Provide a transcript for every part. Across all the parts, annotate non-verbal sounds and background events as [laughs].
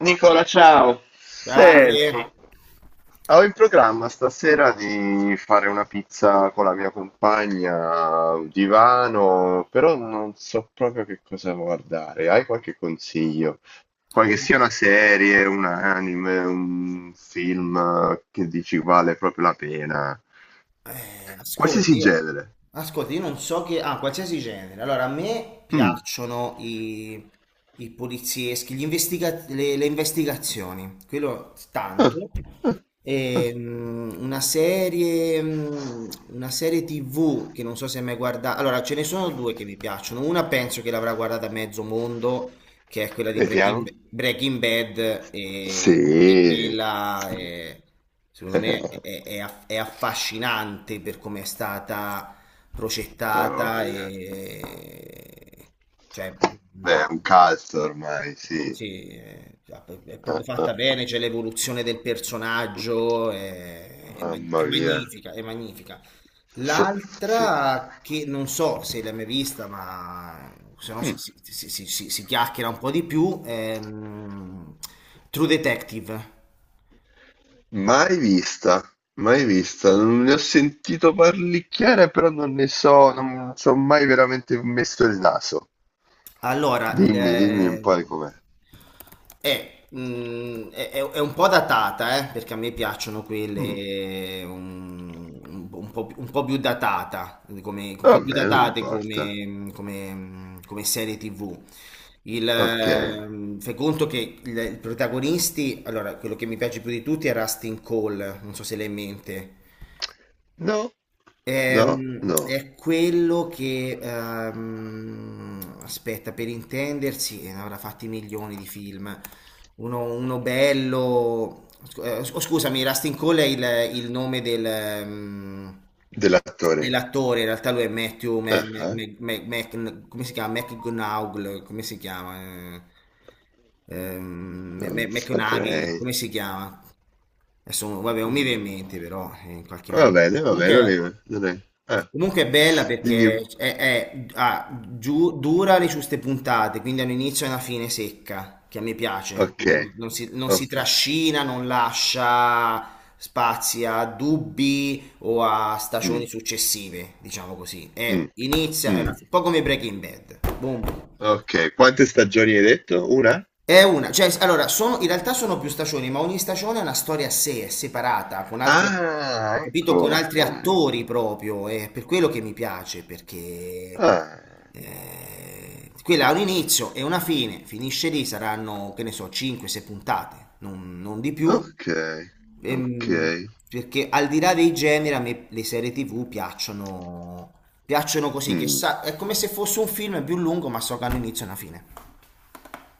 Nicola, ciao. Senti, Grande. ho in programma stasera di fare una pizza con la mia compagna, un divano, però non so proprio che cosa guardare. Hai qualche consiglio? Qualche sia una serie, un anime, un film che dici vale proprio la pena? Ascolta, Qualsiasi io, genere. ascolta, io non so che... Ah, qualsiasi genere. Allora, a me Mm. piacciono i polizieschi, le investigazioni. Quello tanto. Ah, ah. Una serie TV che non so se hai mai guardato. Allora, ce ne sono due che mi piacciono. Una penso che l'avrà guardata mezzo mondo, che è quella di Vediamo. Breaking Bad, e Sì, quella sì. Secondo me [laughs] è affascinante per come è stata Ah, progettata voglia. e cioè, mm, Beh, è un cult ormai, sì. sì, è Eh, proprio fatta eh, bene, c'è l'evoluzione del personaggio, mamma è mia. magnifica, è magnifica. Sì, sì. L'altra che non so se l'hai mai vista, ma se no si chiacchiera un po' di più, è True Detective. Mai vista, mai vista. Non ne ho sentito parlicchiare, però non ne so, non ci ho mai veramente messo il naso. Allora, Dimmi, dimmi un le- po' di com'è. è, mm, è un po' datata, perché a me piacciono Mm, quelle un po', un po' più vabbè, non datate importa. come, come serie TV. Ok. Fai conto che i protagonisti, allora, quello che mi piace più di tutti è Rustin Cole, non so se l'hai in mente. No, no, no. È quello che, aspetta, per intendersi, ne avrà fatti milioni di film. Uno bello, scusami, Rustin Cole è il nome Dell'attore. dell'attore, in realtà lui è Matthew, Ah, ah, come si chiama? McGonagall, come si chiama? Non McConaughey, saprei. come si chiama? Adesso, vabbè, non mi viene in Mm. mente però, in qualche maniera. Va bene, non Comunque... è... Non è... Ah, Comunque è bella dimmi... perché un- dura le giuste puntate, quindi ha un inizio e una fine secca, che a me piace. Ok, Quindi non si ok. trascina, non lascia spazi a dubbi o a stagioni Mm. successive, diciamo così. È, Mh, inizia, è mh. una- un po' come Breaking Bad. Boom. Okay, quante stagioni hai detto? 1? È una, cioè, s- allora, sono, in realtà sono più stagioni, ma ogni stagione è una storia a sé, è separata, con altri, Ah, capito? Con ecco, altri ah, attori ecco. proprio, è per quello che mi piace, perché Ah, quella ha un inizio e una fine, finisce lì, saranno, che ne so, 5-6 puntate, non di più. okay, Ehm, okay. perché al di là dei generi, a me le serie TV piacciono, piacciono così, che Mh, sa, è come se fosse un film più lungo, ma so che hanno inizio e una fine.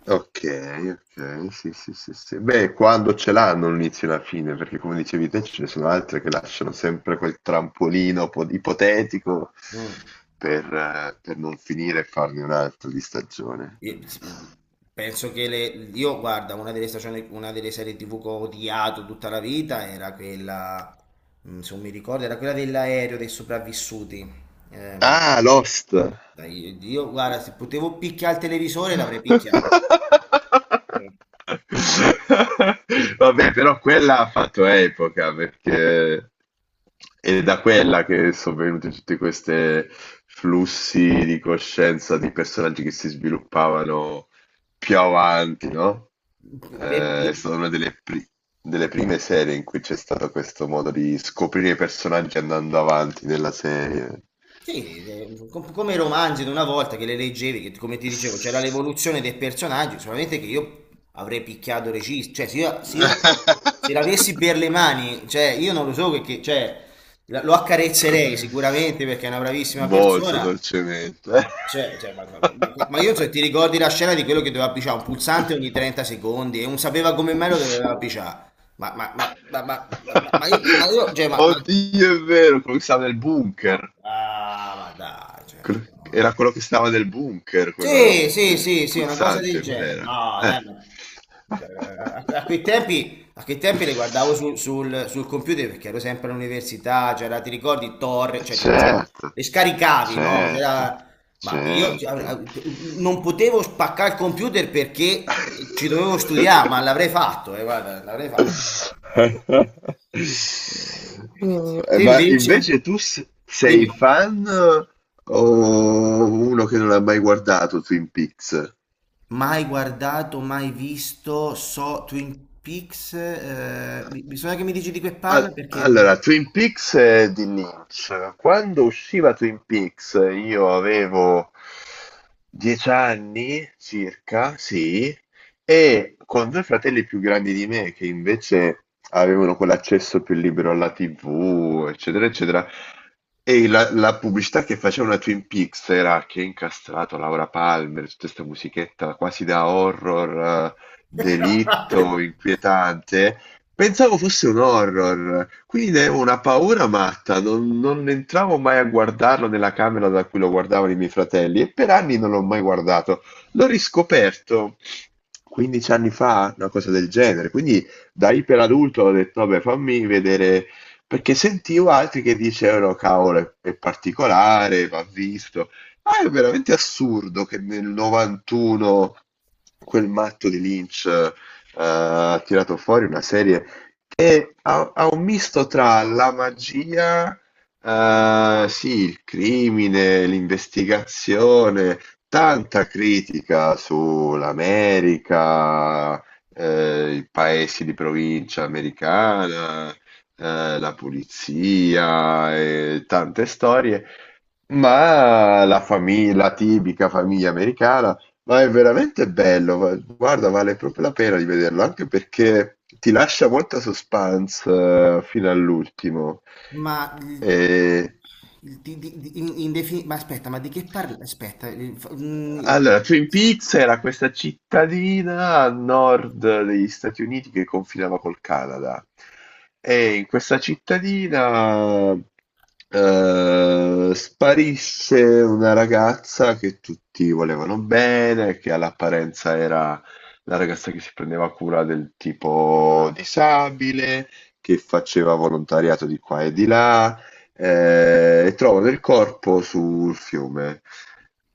okay, okay. Sì, sì, sì, sì. Beh, quando ce l'hanno un inizio e una fine, perché come dicevi te ce ne sono altre che lasciano sempre quel trampolino po ipotetico Mm. Per non finire e farne un altro di stagione. Sì, penso che io, guarda, una delle serie TV che ho odiato tutta la vita era quella, se non mi ricordo, era quella dell'aereo dei sopravvissuti. Ehm, Ah, Lost. dai, io, guarda, se potevo picchiare il televisore l'avrei picchiato. [laughs] Eh, Vabbè, però quella ha fatto epoca perché è da quella che sono venuti tutti questi flussi di coscienza di personaggi che si sviluppavano più avanti, no? eh, per- È stata una delle, delle per- per- prime serie in cui c'è stato questo modo di scoprire i personaggi andando avanti nella serie. Sì, come i romanzi di una volta che le leggevi, che come ti [laughs] dicevo, c'era l'evoluzione dei personaggi, solamente che io avrei picchiato regista, cioè se l'avessi per le mani, cioè io non lo so cioè, lo accarezzerei sicuramente perché è una bravissima Molto persona, dolcemente. ma, cioè, ma io cioè, ti ricordi la scena di quello che doveva picciare un pulsante ogni 30 secondi e non sapeva come mai lo doveva picciare, ma io. Oddio, è vero, quello che stava nel bunker. Ah, ma dai, cioè, Era no. quello che stava nel bunker, quello del, Sì, sì, del sì, sì, una cosa del pulsante, qual genere. era? No, [laughs] dai, a quei tempi le guardavo sul computer perché ero sempre all'università, c'era, ti ricordi, Torre, Certo, le scaricavi, no? certo, Ma io cioè, certo. non potevo spaccare il computer perché ci dovevo Eh, studiare, ma l'avrei fatto, guarda, l'avrei fatto. Eh, Te ma invece, invece tu sei dimmi. fan o uno che non ha mai guardato Twin Peaks? Mai guardato, mai visto, so Twin Peaks, bisogna che mi dici di che parla Al- perché... Allora, Twin Peaks di Lynch. Quando usciva Twin Peaks, io avevo 10 anni circa, sì, e con due fratelli più grandi di me che invece avevano quell'accesso più libero alla TV, eccetera, eccetera. E la, la pubblicità che facevano a Twin Peaks era che è incastrato Laura Palmer, tutta questa musichetta quasi da horror, delitto, inquietante. Pensavo fosse un horror, quindi ne avevo una paura matta, non, non entravo mai a guardarlo nella camera da cui lo guardavano i miei fratelli e per anni non l'ho mai guardato. L'ho riscoperto 15 anni fa, una cosa del genere, quindi da iperadulto ho detto, vabbè, fammi vedere, perché sentivo altri che dicevano, cavolo, è particolare, va visto. Ah, è veramente assurdo che nel 91 quel matto di Lynch ha tirato fuori una serie che ha, ha un misto tra la magia, sì, il crimine, l'investigazione, tanta critica sull'America, i paesi di provincia americana, la polizia, e tante storie. Ma la famiglia, la tipica famiglia americana, ma è veramente bello, guarda, vale proprio la pena di vederlo, anche perché ti lascia molta suspense fino all'ultimo. Ma, E il- di- in- in defini- ma aspetta, ma di che parla? Aspetta, allora, Twin Peaks era questa cittadina a nord degli Stati Uniti che confinava col Canada. E in questa cittadina sparisse una ragazza che tutti volevano bene, che all'apparenza era la ragazza che si prendeva cura del tipo disabile, che faceva volontariato di qua e di là e trovano del corpo sul fiume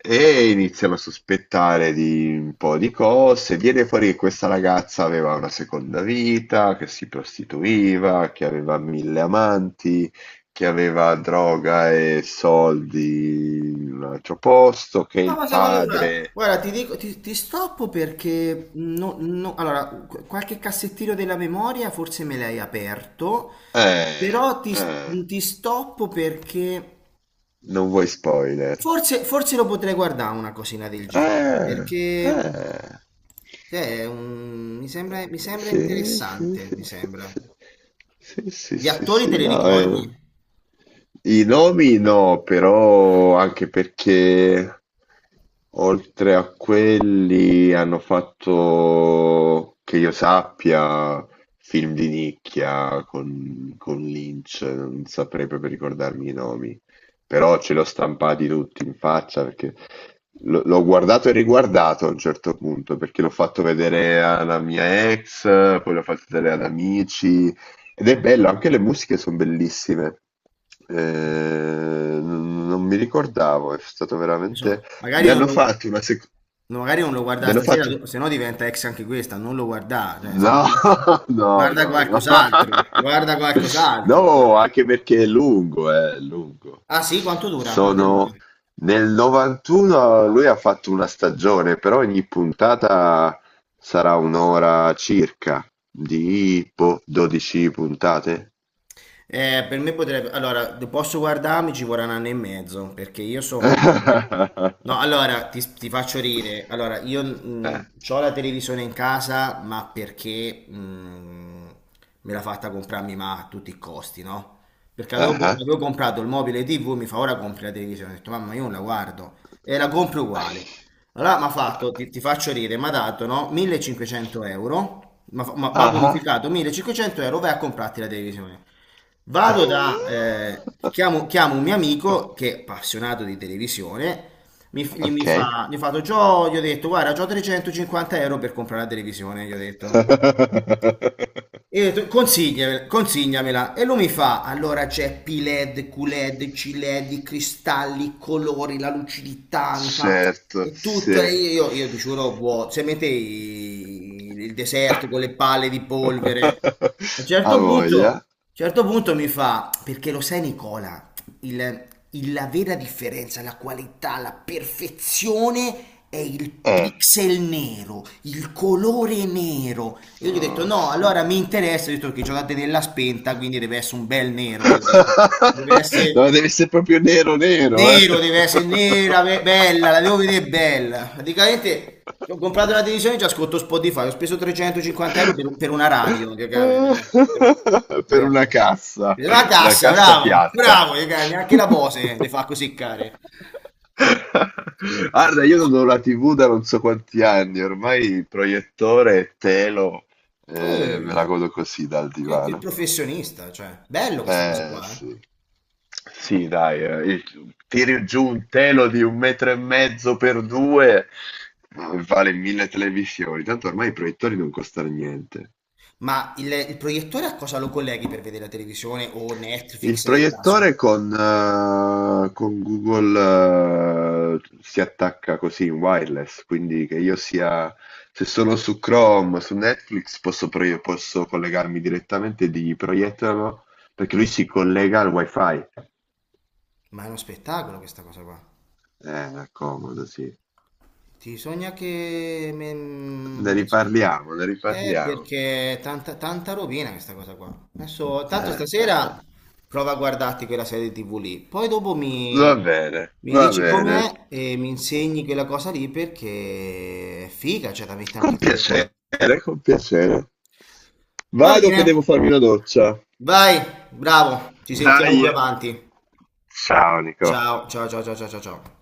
e iniziano a sospettare di un po' di cose. Viene fuori che questa ragazza aveva una seconda vita, che si prostituiva, che aveva 1000 amanti, che aveva droga e soldi in un altro posto, che no, il ma sai, guarda, guarda, padre... guarda, ti dico, ti stoppo perché... allora, qualche cassettino della memoria forse me l'hai aperto, Eh, però eh, ti stoppo perché... non vuoi spoiler. Forse, forse lo potrei guardare una cosina del genere, Eh, perché eh. cioè, mi sembra Sì, sì, interessante, sì, mi sembra. sì, sì, sì, sì, Gli sì, attori te sì. li No, eh. ricordi? I nomi no, però anche perché oltre a quelli hanno fatto, che io sappia, film di nicchia con Lynch, non saprei proprio ricordarmi i nomi, però ce l'ho stampati tutti in faccia perché l'ho guardato e riguardato a un certo punto, perché l'ho fatto vedere alla mia ex, poi l'ho fatto vedere ad amici. Ed è bello, anche le musiche sono bellissime. Eh, non non mi ricordavo, è stato Insomma, veramente... magari Ne non hanno lo, fatto una seconda... no, magari non lo Ne guarda hanno stasera, fatto... se no diventa ex anche questa, non lo guarda, cioè, No, [laughs] no, guarda no, no. [laughs] qualcos'altro, guarda qualcos'altro. No, anche perché è lungo, è lungo. Ah sì, quanto dura? Quanto è lungo? Sono... Nel 91 lui ha fatto una stagione, però ogni puntata sarà un'ora circa, di boh, 12 puntate. Per me potrebbe... Allora, posso guardarmi, ci vorrà un anno e mezzo, perché io sono... No, [laughs] allora, ti faccio ridere. Allora, io Eh, ho la televisione in casa, ma perché me l'ha fatta comprarmi ma a tutti i costi, no? Perché ah ah, avevo comprato il mobile TV, mi fa ora compri la televisione. Ho detto, mamma, io non la guardo. E la compro uguale. Allora, mi ha fatto, ti faccio ridere, mi ha dato, no? 1.500 euro, mi ha fa- mi ha ah. bonificato 1.500 euro, vai a comprarti la televisione. Vado da, [laughs] chiamo un mio amico che è appassionato di televisione, mi, f- gli mi Ok. fa, gli ho fatto, "Gio", gli ho detto, guarda, c'ho 350 euro per comprare la televisione, gli ho detto. [laughs] Io ho detto, consigliamela, consigliamela. E lui mi fa, allora c'è P-LED, Q-LED, C-LED, i cristalli, i colori, la lucidità, mi fa, Certo, e tutto. sì. Io ti giuro, se mette il deserto con le palle di polvere, a un [laughs] A certo punto, a un voglia. certo punto mi fa, perché lo sai Nicola, il- la vera differenza, la qualità, la perfezione è il Eh. pixel nero, il colore nero. Io gli ho detto Oh, no, sì. allora mi interessa, ho detto che giocate nella spenta, quindi deve essere un bel nero, io ho detto. Deve [laughs] No, essere deve essere proprio nero nero, eh. nero, deve essere nera, bella, la devo vedere bella. Praticamente ho [laughs] comprato una televisione e già ascolto Spotify, ho speso [laughs] 350 euro per una radio, Per cioè, eh. La una cassa, cassa bravo, piatta. bravo, che cagna, anche la Bose le fa così [laughs] care. Eh, Che, che, che- Guarda, che- io non ho la TV da non so quanti anni, ormai il proiettore e telo, che- me la eh, godo così dal che divano. professionista, cioè, bello questa cosa Eh qua, eh. sì. Sì, dai, il- tiri giù un telo di 1,5 metri per due, vale 1000 televisioni. Tanto ormai i proiettori non costano niente. Ma il proiettore a cosa lo colleghi per vedere la televisione o Il Netflix del caso? proiettore con Google si attacca così in wireless, quindi che io sia, se sono su Chrome, su Netflix, posso, posso collegarmi direttamente e dirgli proiettalo, perché lui si collega al wifi. Ma è uno spettacolo questa cosa qua. Comodo, sì. Ti sogna che... Ne adesso... riparliamo, ne riparliamo. perché è tanta, tanta rovina questa cosa qua. Adesso, tanto Eh. stasera prova a guardarti quella serie TV lì. Poi dopo Va bene, mi va dici bene. com'è e mi insegni quella cosa lì perché è figa, cioè la metti anche Con fuori. piacere, con piacere. Va Vado bene, che devo farmi una doccia. vai, bravo, ci Dai! sentiamo più avanti. Ciao Nico. Ciao, ciao, ciao, ciao, ciao, ciao, ciao.